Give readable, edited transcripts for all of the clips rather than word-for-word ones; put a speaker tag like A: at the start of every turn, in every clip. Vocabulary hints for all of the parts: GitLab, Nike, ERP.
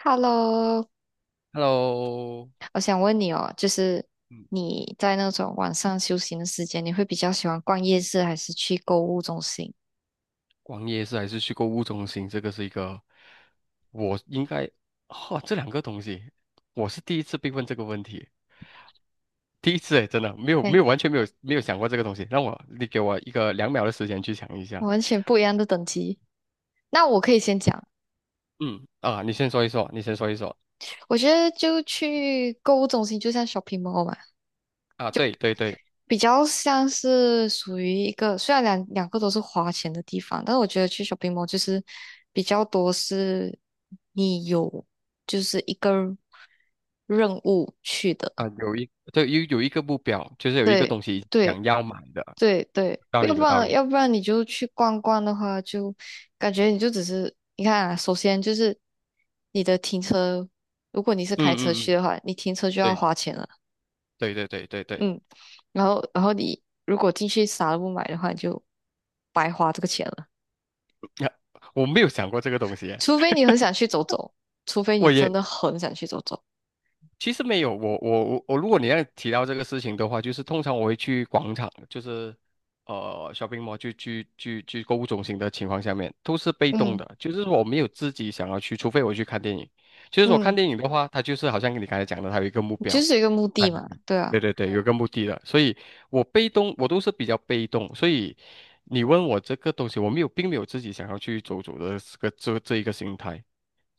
A: Hello，
B: Hello，
A: 我想问你哦，就是
B: 嗯，
A: 你在那种晚上休息的时间，你会比较喜欢逛夜市还是去购物中心？
B: 逛夜市还是去购物中心，这个是一个，我应该，哈，这两个东西，我是第一次被问这个问题，第一次诶，真的没有
A: 哎，
B: 没有完全没有没有想过这个东西，你给我一个2秒的时间去想一下。
A: 完全不一样的等级。那我可以先讲，
B: 嗯啊，你先说一说，
A: 我觉得就去购物中心，就像 shopping mall 嘛，
B: 啊，对对对。
A: 比较像是属于一个，虽然两个都是花钱的地方，但是我觉得去 shopping mall 就是比较多是你有就是一个任务去
B: 啊，
A: 的。
B: 有一个目标，就是有一个东西
A: 对，
B: 想要买的。
A: 对对，要不
B: 有道
A: 然
B: 理。
A: 要不然你就去逛逛的话，就感觉你就只是你看啊，首先就是你的停车，如果你是开车
B: 嗯嗯
A: 去
B: 嗯，
A: 的话，你停车就要
B: 对
A: 花钱了，
B: 对对对对对。
A: 嗯，然后你如果进去啥都不买的话，你就白花这个钱了，
B: 呀，我没有想过这个东西诶。
A: 除非你很想去走走，除非你
B: 我
A: 真
B: 也。
A: 的很想去走走，
B: 其实没有，我，如果你要提到这个事情的话，就是通常我会去广场，就是shopping mall, 去购物中心的情况下面，都是被动
A: 嗯
B: 的，就是说我没有自己想要去，除非我去看电影。就是说看
A: 嗯，
B: 电影的话，它就是好像你刚才讲的，它有一个目
A: 你
B: 标。
A: 就是有一个目
B: 在
A: 的
B: 那
A: 嘛，
B: 里。
A: 对啊。
B: 对对对，有个目的的，所以我被动，我都是比较被动。所以你问我这个东西，我没有，并没有自己想要去走走的这个一个心态。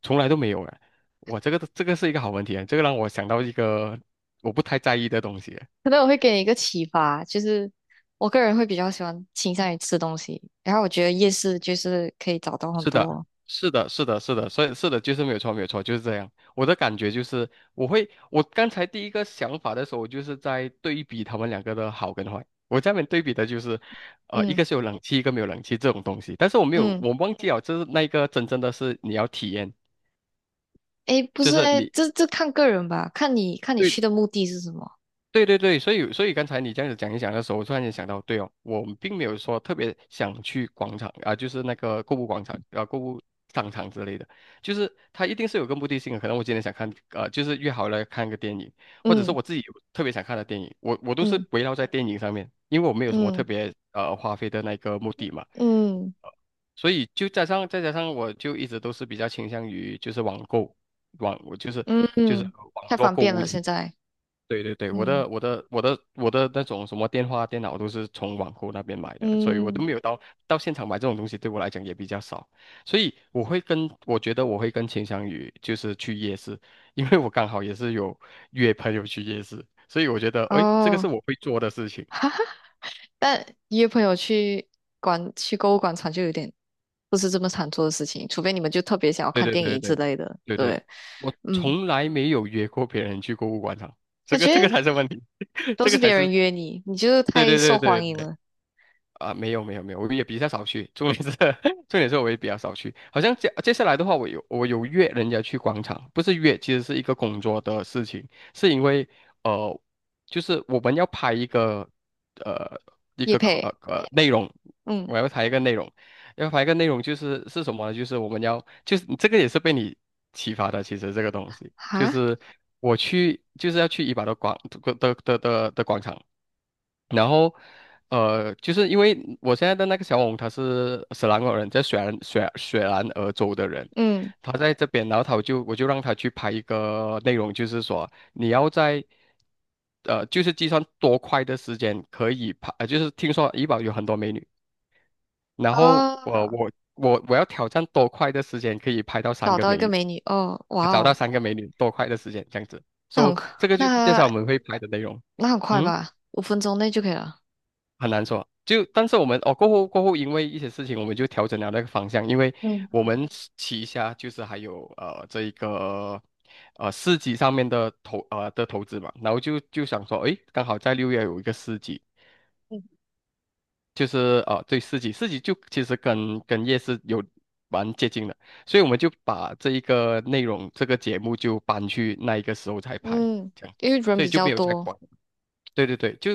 B: 从来都没有哎。我这个是一个好问题，这个让我想到一个我不太在意的东西。
A: 可能我会给你一个启发，就是我个人会比较喜欢倾向于吃东西，然后我觉得夜市就是可以找到很
B: 是的，
A: 多，
B: 是的，是的，是的，所以是的，就是没有错，没有错，就是这样。我的感觉就是，我刚才第一个想法的时候，我就是在对比他们两个的好跟坏。我下面对比的就是，一
A: 嗯
B: 个是有冷气，一个没有冷气这种东西。但是我没有，
A: 嗯，
B: 我忘记了，就是那一个真正的是你要体验，
A: 诶，不
B: 就
A: 是
B: 是
A: 诶，
B: 你。
A: 这看个人吧，看你
B: 对。
A: 去的目的是什么，
B: 对对对，所以刚才你这样子讲一讲的时候，我突然间想到，对哦，我们并没有说特别想去广场啊、就是那个购物广场啊、购物商场之类的，就是它一定是有个目的性的。可能我今天想看,就是约好了看个电影，或者是
A: 嗯
B: 我自己有特别想看的电影，我都是
A: 嗯
B: 围绕在电影上面，因为我没有什么特
A: 嗯
B: 别花费的那个目的嘛。
A: 嗯
B: 呃所以就加上再加上，我就一直都是比较倾向于就是网购。网我就是
A: 嗯
B: 就是
A: 嗯，太
B: 网络
A: 方
B: 购
A: 便
B: 物。
A: 了现在，
B: 对对对，我
A: 嗯
B: 的我的我的我的那种什么电话、电脑都是从网购那边买的，所以我
A: 嗯
B: 都没有到现场买这种东西，对我来讲也比较少，所以我会跟我觉得我会跟倾向宇就是去夜市，因为我刚好也是有约朋友去夜市，所以我觉得诶，这个是
A: 哦，
B: 我会做的事情。
A: 但约朋友去广去购物广场就有点不是这么常做的事情，除非你们就特别想要
B: 对
A: 看
B: 对
A: 电
B: 对
A: 影之
B: 对
A: 类的，
B: 对对，
A: 对，
B: 我
A: 嗯。
B: 从来没有约过别人去购物广场，
A: 感
B: 这个
A: 觉
B: 才是问题，
A: 都
B: 这
A: 是
B: 个才
A: 别人
B: 是。
A: 约你，你就是
B: 对
A: 太
B: 对对
A: 受
B: 对
A: 欢迎
B: 对。
A: 了。
B: 啊、没有没有没有，我也比较少去。重点是 重点是我也比较少去。好像接下来的话，我有约人家去广场，不是约，其实是一个工作的事情，是因为呃，就是我们要拍一个呃
A: 叶佩，
B: 内容。
A: 嗯，
B: 我要拍一个内容。要拍一个内容是什么呢？就是我们要就是这个也是被你启发的，其实这个东西就
A: 哈，
B: 是我去就是要去怡保的广的的的的的广场。然后，就是因为我现在的那个小红，他是斯兰国人，在雪兰莪州的人，
A: 嗯，
B: 他在这边，然后我就让他去拍一个内容，就是说你要在，就是计算多快的时间可以拍，就是听说怡保有很多美女，然后我
A: 哦，
B: 我我我要挑战多快的时间可以拍到三
A: 找
B: 个
A: 到一
B: 美
A: 个
B: 女，
A: 美女，哦，哇
B: 找
A: 哦，
B: 到三个美女多快的时间这样子
A: 那
B: ，so
A: 很快
B: 这个就是介绍我
A: 那
B: 们会拍的内容，
A: 很快
B: 嗯。
A: 吧，5分钟内就可以了。
B: 很难说。但是我们哦，过后,因为一些事情，我们就调整了那个方向，因为
A: 嗯
B: 我们旗下就是还有这一个市集上面的投资嘛，然后就想说，诶，刚好在6月有一个市集，就是对市集。市集就其实跟夜市有蛮接近的，所以我们就把这一个内容这个节目就搬去那一个时候才拍，
A: 嗯，
B: 这样，
A: 因为人
B: 所以
A: 比
B: 就
A: 较
B: 没有再
A: 多，
B: 管。对对对，就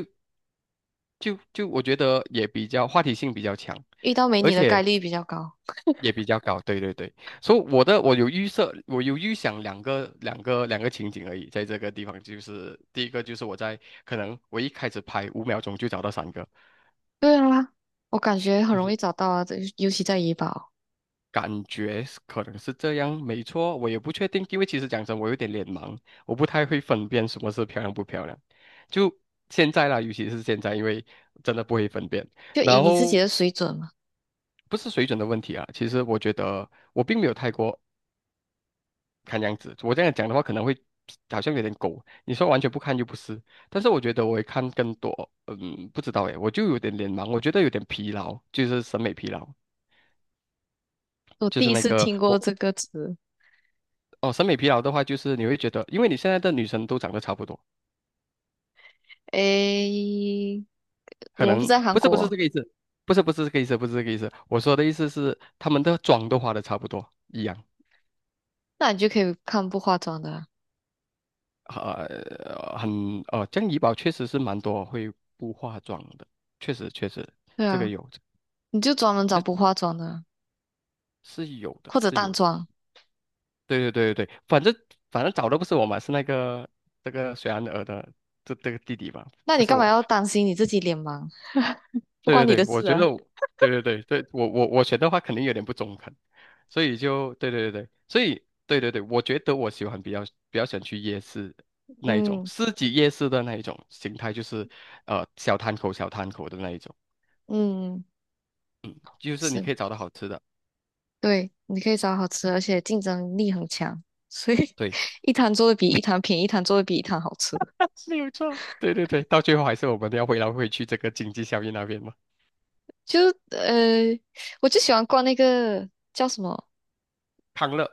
B: 就就我觉得也比较话题性比较强，
A: 遇到美
B: 而
A: 女的概
B: 且
A: 率比较高。
B: 也比较高，对对对，所以我有预设，我有预想两个情景而已，在这个地方就是第一个就是可能我一开始拍5秒钟就找到三个，
A: 对啊，我感觉很
B: 就
A: 容易
B: 是
A: 找到啊，这尤其在怡保，
B: 感觉是可能是这样，没错，我也不确定，因为其实讲真，我有点脸盲，我不太会分辨什么是漂亮不漂亮，就现在啦，尤其是现在，因为真的不会分辨。
A: 就以
B: 然
A: 你自己
B: 后
A: 的水准嘛。
B: 不是水准的问题啊，其实我觉得我并没有太过看样子。我这样讲的话，可能会好像有点狗。你说完全不看又不是，但是我觉得我会看更多。嗯，不知道诶，我就有点脸盲，我觉得有点疲劳，就是审美疲劳，
A: 我
B: 就
A: 第
B: 是
A: 一
B: 那
A: 次
B: 个
A: 听过这
B: 我
A: 个词，
B: 哦，审美疲劳的话，就是你会觉得，因为你现在的女生都长得差不多，
A: 诶，我
B: 可
A: 们不
B: 能
A: 在韩
B: 不是不是
A: 国，
B: 这个意思，不是不是这个意思，不是这个意思。我说的意思是，她们的妆都化的差不多一样。
A: 那你就可以看不化妆的啊。
B: 呃，很哦，这样怡保确实是蛮多会不化妆的，确实确实。
A: 对
B: 这个
A: 啊。
B: 有
A: 你就专门找不化妆的，
B: 是有的，
A: 或者
B: 是
A: 淡
B: 有的。
A: 妆。
B: 对对对对对，反正找的不是我嘛，是那个这个水安儿的这个弟弟嘛，
A: 那
B: 不
A: 你
B: 是
A: 干嘛
B: 我。
A: 要担心你自己脸盲？不
B: 对对
A: 关你
B: 对，
A: 的
B: 我
A: 事
B: 觉
A: 啊。
B: 得我。对对对对，我选的话肯定有点不中肯，所以就对对对对，所以对对对，我觉得我喜欢比较想去夜市那一种，
A: 嗯
B: 市集夜市的那一种形态，就是小摊口小摊口的那一种。
A: 嗯，
B: 就是你
A: 是，
B: 可以找到好吃的，
A: 对，你可以找好吃的而且竞争力很强，所以
B: 对，
A: 一摊做的比一 摊便宜，一摊做的比一摊好吃。
B: 是有错，对对对，到最后还是我们要回来回去这个经济效益那边嘛。
A: 就呃，我就喜欢逛那个叫什么？
B: 康乐，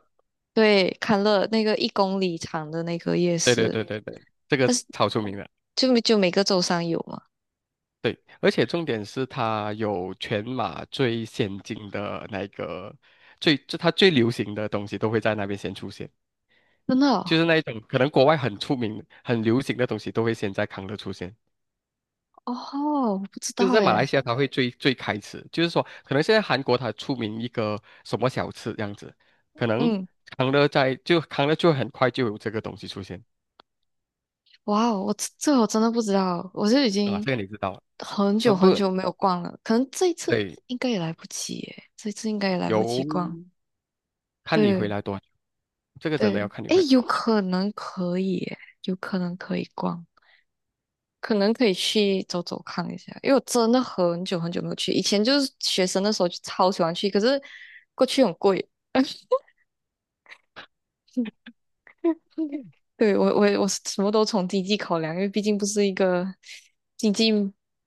A: 对，康乐那个1公里长的那个夜
B: 对对
A: 市，
B: 对对对，这个
A: 但是
B: 超出名的，
A: 就每个周三有嘛。
B: 对，而且重点是它有全马最先进的那个最，就它最流行的东西都会在那边先出现，
A: 真的
B: 就
A: 哦，
B: 是那一种可能国外很出名、很流行的东西都会先在康乐出现。
A: 哦，我不知
B: 就是
A: 道
B: 在马来
A: 诶。
B: 西亚，它会最开始，就是说，可能现在韩国它出名一个什么小吃这样子，可能
A: 嗯。
B: 康乐就很快就有这个东西出现。
A: 哇哦，我我真的不知道，我是已
B: 啊，
A: 经
B: 这个你知道了。
A: 很久很
B: 不
A: 久没有逛了，可能这一次
B: 对，
A: 应该也来不及耶，这一次应该也来
B: 由
A: 不及逛。
B: 看你回
A: 对
B: 来多久。这个真的要
A: 对，
B: 看你回
A: 诶，
B: 来多久。
A: 有可能可以逛，可能可以去走走看一下，因为我真的很久很久没有去，以前就是学生的时候就超喜欢去，可是过去很贵。对，我是什么都从经济考量，因为毕竟不是一个经济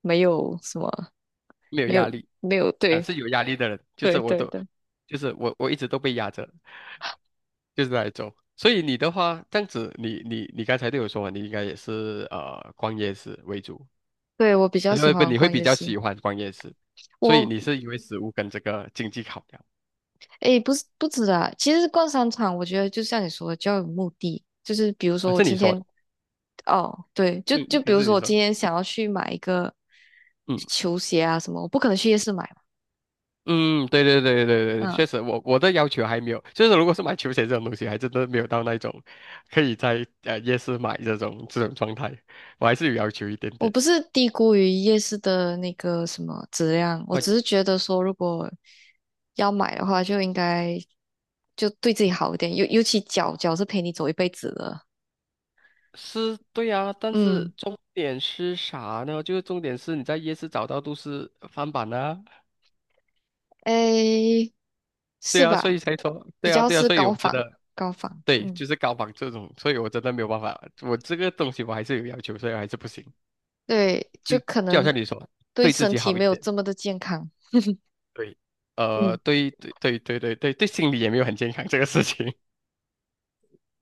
A: 没有什么
B: 没有
A: 没
B: 压
A: 有
B: 力。
A: 没有
B: 啊、
A: 对
B: 是有压力的人，就是
A: 对
B: 我
A: 对
B: 都，
A: 对，
B: 就是我一直都被压着，就是来走。所以你的话，这样子你，你你刚才对我说嘛，你应该也是逛夜市为主，
A: 对我比较
B: 我觉
A: 喜
B: 得
A: 欢
B: 你会
A: 逛
B: 比
A: 夜
B: 较
A: 市。
B: 喜欢逛夜市，所以
A: 我
B: 你是因为食物跟这个经济考量。
A: 诶，不是不止啊，其实逛商场，我觉得就像你说的，就要有目的。就是比如说我
B: 是你
A: 今
B: 说的，
A: 天，哦，对，就
B: 嗯，
A: 比
B: 还
A: 如
B: 是
A: 说
B: 你
A: 我
B: 说的？
A: 今天想要去买一个
B: 嗯
A: 球鞋啊什么，我不可能去夜市买嘛。
B: 嗯，对对对对对，
A: 嗯，
B: 确实我，我的要求还没有，就是如果是买球鞋这种东西，还真的没有到那种可以在夜市买这种状态，我还是有要求一点
A: 我
B: 点。
A: 不是低估于夜市的那个什么质量，我只是
B: 我
A: 觉得说，如果要买的话，就应该就对自己好一点，尤其脚是陪你走一辈子的。
B: 是对啊，但是
A: 嗯。
B: 重点是啥呢？就是重点是你在夜市找到都是翻版啊，
A: 诶，
B: 对
A: 是
B: 啊，所
A: 吧？
B: 以才说，
A: 比
B: 对啊
A: 较
B: 对啊，
A: 是
B: 所以我
A: 高
B: 觉
A: 仿，
B: 得。
A: 高仿，
B: 对，
A: 嗯，
B: 就是高仿这种，所以我真的没有办法，我这个东西我还是有要求，所以还是不行。
A: 对，就
B: 嗯，
A: 可
B: 就好
A: 能
B: 像你说，
A: 对
B: 对自
A: 身
B: 己
A: 体
B: 好
A: 没
B: 一
A: 有
B: 点，
A: 这么的健康，
B: 对，
A: 嗯，
B: 对对对对对对对，心理也没有很健康 这个事情，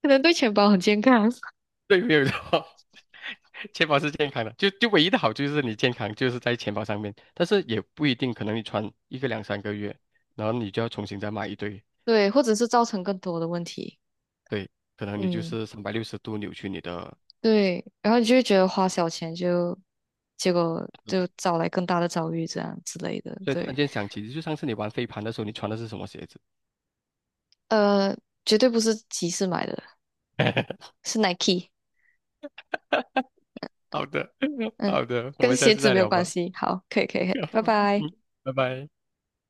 A: 可能对钱包很健康，
B: 对，没有错，钱包是健康的，就唯一的好处就是你健康就是在钱包上面，但是也不一定，可能你穿一个2、3个月，然后你就要重新再买一堆，
A: 对，或者是造成更多的问题，
B: 对，可能你就
A: 嗯，
B: 是360度扭曲你的。
A: 对，然后你就会觉得花小钱就，结果就
B: 嗯，
A: 招来更大的遭遇，这样之类的，
B: 所以突然
A: 对，
B: 间想起，就上次你玩飞盘的时候，你穿的是什么鞋子？
A: 呃，绝对不是集市买的，是 Nike,
B: 好的，
A: 嗯，
B: 好的，我
A: 跟
B: 们下
A: 鞋
B: 次
A: 子
B: 再
A: 没有
B: 聊
A: 关
B: 吧。
A: 系，好，可以，可以，可以，
B: 好
A: 拜拜。
B: 嗯，拜拜。